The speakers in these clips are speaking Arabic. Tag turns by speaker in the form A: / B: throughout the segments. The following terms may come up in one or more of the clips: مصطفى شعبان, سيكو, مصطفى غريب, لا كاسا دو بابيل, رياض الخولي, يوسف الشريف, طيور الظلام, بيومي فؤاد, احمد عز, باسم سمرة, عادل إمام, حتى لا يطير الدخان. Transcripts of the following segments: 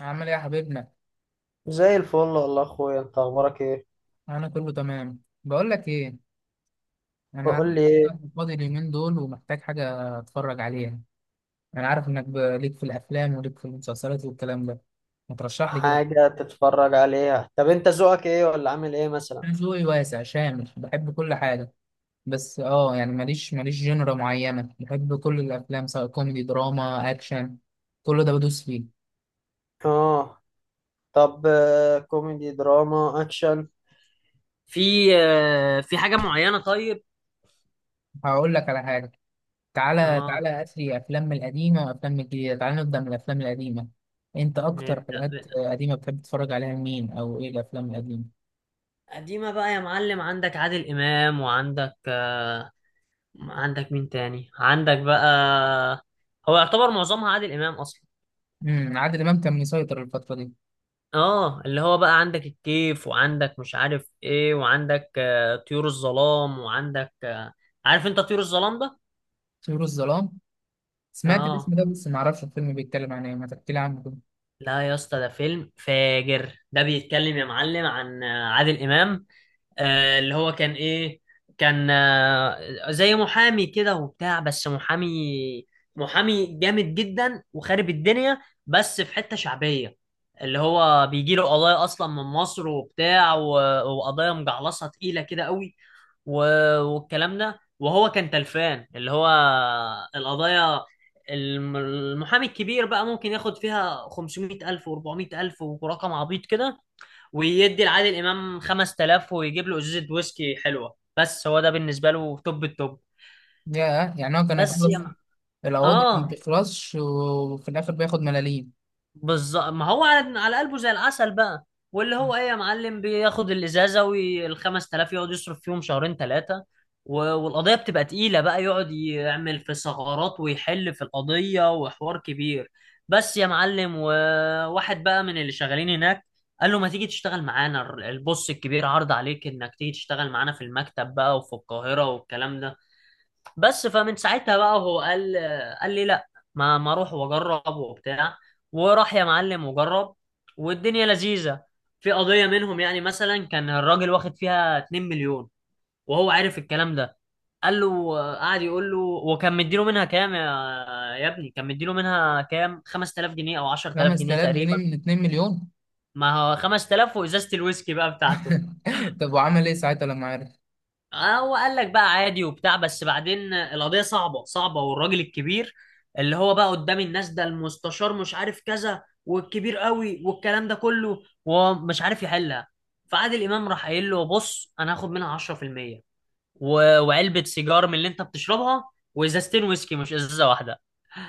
A: عامل ايه يا حبيبنا؟
B: زي الفل والله اخويا، انت اخبارك ايه؟
A: انا كله تمام. بقول لك ايه، انا
B: قول لي ايه.
A: فاضي اليومين دول ومحتاج حاجه اتفرج عليها. انا عارف انك ليك في الافلام وليك في المسلسلات والكلام ده، ما ترشح لي كده.
B: حاجه تتفرج عليها؟ طب انت ذوقك ايه ولا عامل ايه مثلا؟
A: انا ذوقي واسع شامل، بحب كل حاجه. بس يعني ماليش جنرا معينه، بحب كل الافلام سواء كوميدي دراما اكشن. كل ده بدوس فيه.
B: اه. طب كوميدي دراما اكشن. في في حاجة معينة طيب؟
A: هقول لك على حاجه. تعالى
B: اه.
A: تعالى أثري أفلام القديمة وأفلام الجديدة، تعالى نبدأ من الأفلام القديمة. أنت أكتر
B: نبدأ
A: حاجات
B: ب-
A: قديمة بتحب تتفرج عليها لمين، أو إيه الأفلام القديمة؟
B: قديمة بقى يا معلم، عندك عادل إمام، وعندك عندك مين تاني؟ عندك بقى. هو يعتبر معظمها عادل إمام أصلا.
A: عادل إمام كان مسيطر الفترة دي.
B: اه، اللي هو بقى عندك الكيف، وعندك مش عارف ايه، وعندك طيور الظلام، وعندك عارف انت طيور الظلام ده؟
A: طيور الظلام، سمعت
B: اه.
A: الاسم ده بس معرفش الفيلم بيتكلم عن إيه، ما تحكي لي عنه كده.
B: لا يا اسطى، ده فيلم فاجر. ده بيتكلم يا معلم عن عادل امام. اللي هو كان ايه؟ كان زي محامي كده وبتاع، بس محامي جامد جدا وخارب الدنيا، بس في حتة شعبية. اللي هو بيجي له قضايا اصلا من مصر وبتاع وقضايا مجعلصة تقيلة كده قوي، والكلام ده. وهو كان تلفان اللي هو القضايا، المحامي الكبير بقى ممكن ياخد فيها 500 ألف و400 ألف، ورقم عبيط كده، ويدي لعادل إمام 5000 ويجيب له إزازة ويسكي حلوة، بس هو ده بالنسبة له توب التوب.
A: ياه، يعني هو كان
B: بس يا
A: يخلص
B: م...
A: القواضي؟ ما
B: آه،
A: بتخلصش وفي الآخر بياخد ملاليم.
B: بالظبط، ما هو على قلبه زي العسل بقى. واللي هو ايه يا معلم، بياخد الازازه وال 5000 يقعد يصرف فيهم شهرين ثلاثه، والقضيه بتبقى تقيله بقى يقعد يعمل في ثغرات ويحل في القضيه وحوار كبير. بس يا معلم، وواحد بقى من اللي شغالين هناك قال له ما تيجي تشتغل معانا، البوس الكبير عرض عليك انك تيجي تشتغل معانا في المكتب بقى وفي القاهره والكلام ده. بس فمن ساعتها بقى هو قال لي لا، ما اروح واجرب وبتاع. وراح يا معلم وجرب، والدنيا لذيذة. في قضية منهم يعني مثلا كان الراجل واخد فيها 2 مليون، وهو عارف الكلام ده. قال له قعد يقول له، وكان مديله منها كام يا ابني؟ كان مديله منها كام؟ 5000 جنيه او 10000 جنيه
A: 5000 جنيه
B: تقريبا.
A: من 2 مليون؟
B: ما هو 5000 وازازة الويسكي بقى بتاعته.
A: طب وعمل إيه ساعتها لما عرف؟
B: اه، هو قال لك بقى عادي وبتاع، بس بعدين القضية صعبة صعبة، والراجل الكبير اللي هو بقى قدام الناس ده، المستشار مش عارف كذا والكبير قوي والكلام ده كله، وهو مش عارف يحلها. فعادل إمام راح قايل له: بص، أنا هاخد منها 10% وعلبة سيجار من اللي أنت بتشربها، وإزازتين ويسكي مش إزازة واحدة.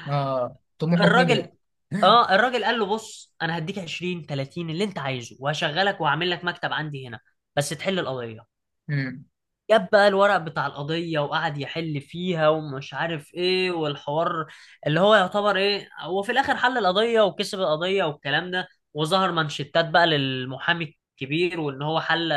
A: آه، طموحه كبر.
B: الراجل، اه الراجل قال له: بص، انا هديك 20 30 اللي انت عايزه، وهشغلك وهعمل لك مكتب عندي هنا، بس تحل القضيه.
A: امم.
B: جاب بقى الورق بتاع القضية وقعد يحل فيها ومش عارف ايه والحوار، اللي هو يعتبر ايه، هو في الاخر حل القضية وكسب القضية والكلام ده. وظهر مانشيتات بقى للمحامي الكبير وان هو حل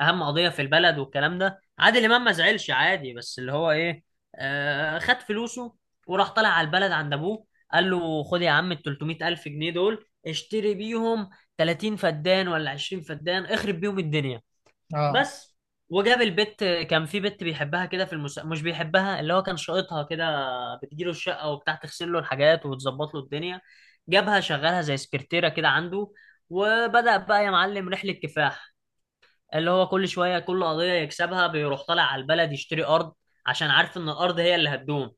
B: اهم قضية في البلد والكلام ده. عادل امام ما زعلش عادي، بس اللي هو ايه، خد فلوسه وراح طالع على البلد عند ابوه، قال له: خد يا عم ال 300 الف جنيه دول اشتري بيهم 30 فدان ولا 20 فدان، اخرب بيهم الدنيا.
A: آه.
B: بس، وجاب البت. كان في بت بيحبها كده في مش بيحبها، اللي هو كان شايطها كده، بتجيله الشقة وبتاع، تغسل له الحاجات وتظبط له الدنيا. جابها شغلها زي سكرتيرة كده عنده. وبدأ بقى يا معلم رحلة كفاح، اللي هو كل شوية كل قضية يكسبها بيروح طالع على البلد يشتري أرض، عشان عارف إن الأرض هي اللي هتدوم.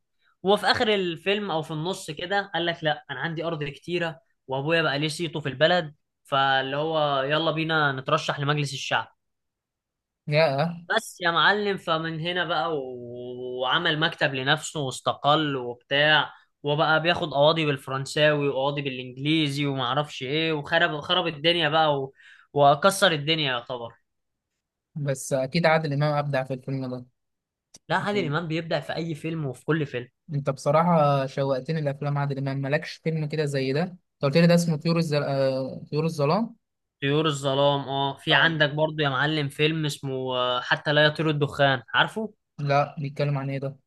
B: وفي آخر الفيلم أو في النص كده قال لك: لأ، أنا عندي أرض كتيرة، وأبويا بقى ليه صيته في البلد، فاللي هو يلا بينا نترشح لمجلس الشعب.
A: ياه.
B: بس يا معلم، فمن هنا بقى وعمل مكتب لنفسه واستقل وبتاع، وبقى بياخد قواضي بالفرنساوي وقواضي بالانجليزي ومعرفش ايه، وخرب خرب الدنيا بقى وكسر الدنيا يعتبر.
A: بس اكيد عادل امام ابدع في الفيلم ده.
B: لا، عادل
A: يعني،
B: امام بيبدع في اي فيلم وفي كل فيلم.
A: انت بصراحه شوقتني لافلام عادل امام. مالكش فيلم كده زي ده؟ انت قلت لي ده اسمه طيور الظلام.
B: طيور الظلام اه. في
A: آه.
B: عندك برضو يا معلم فيلم اسمه حتى لا يطير الدخان، عارفه؟
A: لا، بيتكلم عن ايه ده؟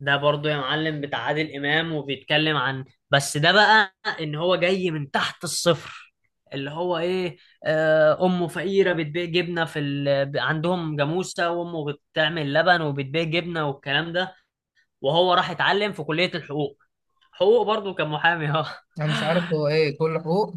B: ده برضو يا معلم بتاع عادل امام، وبيتكلم عن، بس ده بقى، ان هو جاي من تحت الصفر. اللي هو ايه، امه فقيره بتبيع جبنه في عندهم جاموسه وامه بتعمل لبن وبتبيع جبنه والكلام ده. وهو راح اتعلم في كليه الحقوق، حقوق برضو، كان محامي اه.
A: انا مش عارف هو ايه كل حقوق.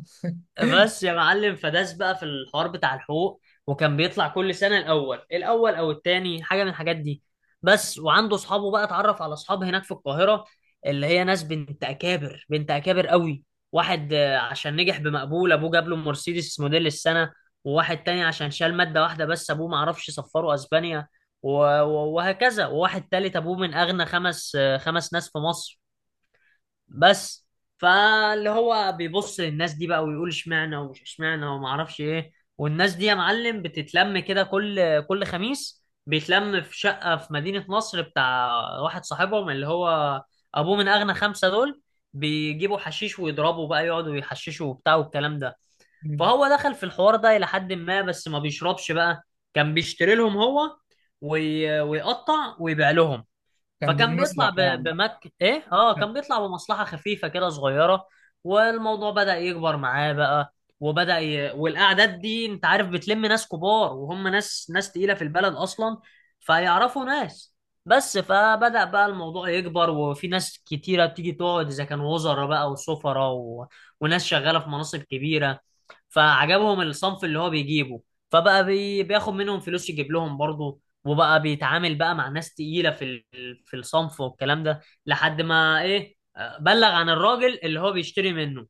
B: بس يا معلم، فداس بقى في الحوار بتاع الحقوق، وكان بيطلع كل سنة الأول الأول أو التاني، حاجة من الحاجات دي. بس وعنده أصحابه بقى، اتعرف على أصحاب هناك في القاهرة، اللي هي ناس بنت أكابر، بنت أكابر قوي. واحد عشان نجح بمقبول أبوه جاب له مرسيدس موديل السنة. وواحد تاني عشان شال مادة واحدة بس أبوه معرفش سفره أسبانيا، وهكذا. وواحد تالت أبوه من أغنى خمس خمس ناس في مصر، بس. فاللي هو بيبص للناس دي بقى ويقول اشمعنى ومش اشمعنى وما اعرفش ايه. والناس دي يا معلم بتتلم كده كل خميس بيتلم في شقة في مدينة نصر بتاع واحد صاحبهم، اللي هو ابوه من اغنى خمسة دول. بيجيبوا حشيش ويضربوا بقى، يقعدوا يحششوا وبتاع والكلام ده.
A: مم.
B: فهو دخل في الحوار ده إلى حد ما، بس ما بيشربش بقى، كان بيشتري لهم هو، ويقطع ويبيع لهم.
A: كان
B: فكان بيطلع
A: بيمصلح
B: ب-
A: يعني.
B: بمك ايه اه، كان بيطلع بمصلحة خفيفة كده صغيرة. والموضوع بدأ يكبر معاه بقى، والأعداد دي انت عارف بتلم ناس كبار، وهم ناس تقيلة في البلد أصلا، فيعرفوا ناس. بس فبدأ بقى الموضوع يكبر، وفي ناس كتيرة بتيجي تقعد، إذا كان وزراء بقى وسفراء وناس شغالة في مناصب كبيرة. فعجبهم الصنف اللي هو بيجيبه، فبقى بياخد منهم فلوس يجيب لهم برضه. وبقى بيتعامل بقى مع ناس تقيلة في الصنف والكلام ده. لحد ما ايه، بلغ عن الراجل اللي هو بيشتري منه.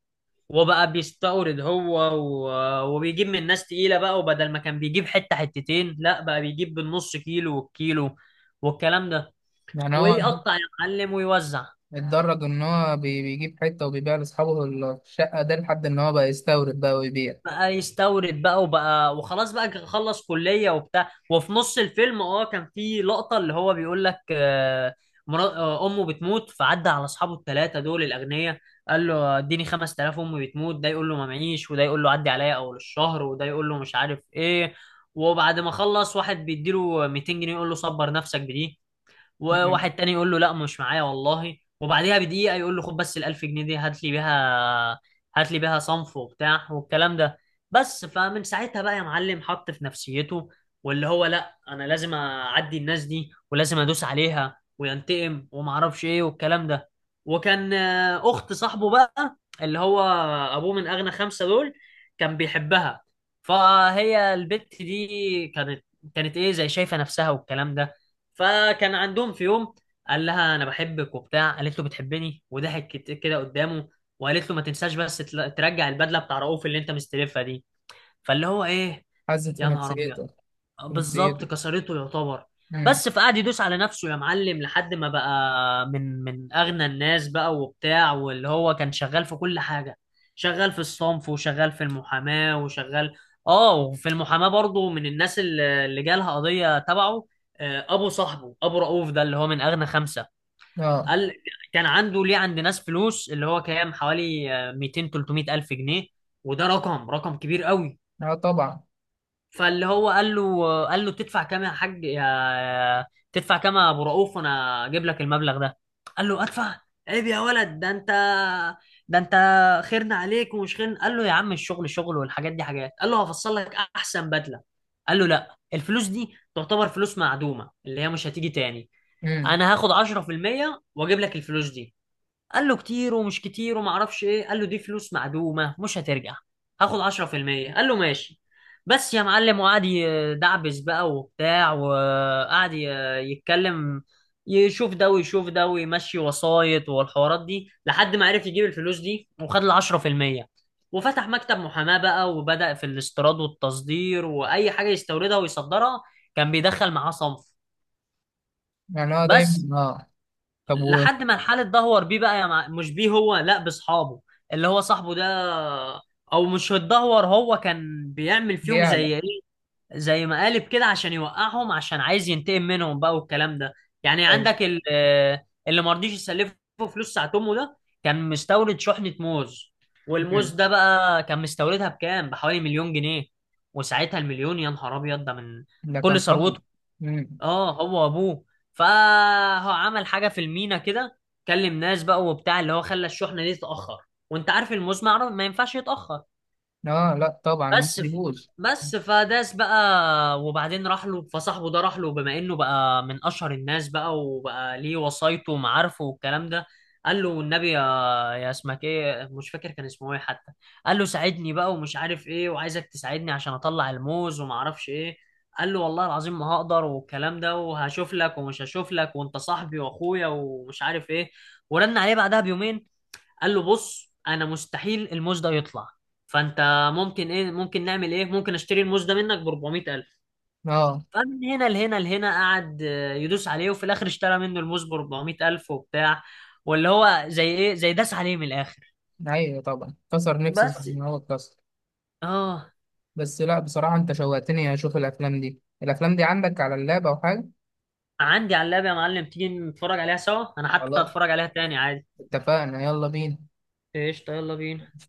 B: وبقى بيستورد هو وبيجيب من ناس تقيلة بقى، وبدل ما كان بيجيب حتة حتتين لا بقى بيجيب بالنص كيلو والكيلو والكلام ده،
A: يعني هو
B: ويقطع يا معلم ويوزع.
A: اتدرج ان هو بيجيب حته وبيبيع لاصحابه الشقه ده، لحد ان هو بقى يستورد بقى ويبيع.
B: بقى يستورد بقى، وبقى وخلاص بقى، خلص كلية وبتاع. وفي نص الفيلم اه، كان في لقطة اللي هو بيقول لك امه بتموت، فعدى على اصحابه الثلاثة دول الاغنياء، قال له: اديني 5000 امي بتموت. ده يقول له ما معيش، وده يقول له عدي عليا اول الشهر، وده يقول له مش عارف ايه. وبعد ما خلص، واحد بيديله 200 جنيه يقول له صبر نفسك بدي،
A: مم.
B: وواحد تاني يقول له لا مش معايا والله، وبعديها بدقيقة يقول له: خد بس الألف جنيه دي هات لي بيها، هات لي بيها صنف وبتاع والكلام ده. بس فمن ساعتها بقى يا معلم حط في نفسيته، واللي هو لا، أنا لازم أعدي الناس دي ولازم أدوس عليها وينتقم ومعرفش إيه والكلام ده. وكان أخت صاحبه بقى، اللي هو أبوه من أغنى خمسة دول، كان بيحبها. فهي البت دي كانت ايه، زي شايفه نفسها والكلام ده. فكان عندهم في يوم قال لها: انا بحبك وبتاع. قالت له: بتحبني؟ وضحك كده قدامه، وقالت له: ما تنساش بس ترجع البدله بتاع رؤوف اللي انت مستلفها دي. فاللي هو ايه،
A: حزت في
B: يا نهار ابيض،
A: نفسيته. في
B: بالظبط
A: نفسيته.
B: كسرته يعتبر.
A: مم.
B: بس فقعد يدوس على نفسه يا معلم، لحد ما بقى من اغنى الناس بقى وبتاع، واللي هو كان شغال في كل حاجه، شغال في الصنف وشغال في المحاماه وشغال. اه، وفي المحاماه برضه، من الناس اللي جالها قضيه تبعه، ابو صاحبه ابو رؤوف ده، اللي هو من اغنى خمسه.
A: اه.
B: قال، كان عنده ليه عند ناس فلوس، اللي هو كام، حوالي 200 300 الف جنيه، وده رقم كبير قوي.
A: اه طبعا.
B: فاللي هو قال له: تدفع كام يا حاج يا تدفع كام يا ابو رؤوف، وانا اجيب لك المبلغ ده؟ قال له: ادفع؟ عيب يا ولد، ده انت خيرنا عليك ومش خيرنا. قال له: يا عم الشغل شغل والحاجات دي حاجات. قال له: هفصل لك احسن بدله. قال له: لا، الفلوس دي تعتبر فلوس معدومه، اللي هي مش هتيجي تاني.
A: مم.
B: انا هاخد 10% واجيب لك الفلوس دي. قال له: كتير، ومش كتير وما اعرفش ايه. قال له: دي فلوس معدومه مش هترجع، هاخد 10%. قال له: ماشي. بس يا معلم، وقعد يدعبس بقى وبتاع، وقعد يتكلم، يشوف ده ويشوف ده ويمشي وسايط والحوارات دي، لحد ما عرف يجيب الفلوس دي وخد ال 10%. وفتح مكتب محاماة بقى، وبدأ في الاستيراد والتصدير، وأي حاجة يستوردها ويصدرها كان بيدخل معاه صنف.
A: يعني هو
B: بس
A: دايما اه. طب،
B: لحد ما الحال اتدهور بيه بقى يا مش بيه هو، لا، باصحابه اللي هو صاحبه ده. او مش اتدهور، هو كان بيعمل فيهم
A: بيعلى.
B: زي ايه، زي مقالب كده عشان يوقعهم، عشان عايز ينتقم منهم بقى والكلام ده. يعني
A: أيوة.
B: عندك اللي ما رضيش يسلفه فلوس ساعة امه ده، كان مستورد شحنة موز. والموز
A: مم.
B: ده بقى كان مستوردها بكام، بحوالي مليون جنيه. وساعتها المليون يا نهار ابيض، ده من
A: ده
B: كل
A: كان راجل.
B: ثروته،
A: مم.
B: اه هو ابوه. فهو عمل حاجه في المينا كده، كلم ناس بقى وبتاع، اللي هو خلى الشحنه دي تتاخر، وانت عارف المزمع ما ينفعش يتاخر.
A: اه لا طبعا، ما
B: بس في
A: بيجوز.
B: بس فداس بقى، وبعدين راح له، فصاحبه ده راح له، بما انه بقى من اشهر الناس بقى، وبقى ليه وصايته ومعارفه والكلام ده. قال له: والنبي يا اسمك ايه مش فاكر كان اسمه ايه حتى، قال له: ساعدني بقى ومش عارف ايه، وعايزك تساعدني عشان اطلع الموز وما اعرفش ايه. قال له: والله العظيم ما هقدر والكلام ده، وهشوف لك ومش هشوف لك، وانت صاحبي واخويا ومش عارف ايه. ورن عليه بعدها بيومين، قال له: بص، انا مستحيل الموز ده يطلع، فانت ممكن ايه، ممكن نعمل ايه، ممكن اشتري الموز ده منك ب 400000؟
A: اه.
B: فمن هنا لهنا لهنا، قعد يدوس عليه، وفي الاخر اشترى منه الموز ب 400000 وبتاع، واللي هو زي ايه، زي داس عليه من الاخر.
A: ايوه طبعا، كسر نفسه زي
B: بس،
A: ما هو اتكسر.
B: اه.
A: بس لا، بصراحة انت شوقتني اشوف الافلام دي. الافلام دي عندك على اللاب او حاجة؟
B: عندي على اللاب يا معلم، تيجي نتفرج عليها سوا، انا حتى
A: خلاص،
B: هتفرج عليها تاني عادي.
A: اتفقنا. يلا بينا.
B: قشطة، يلا بينا.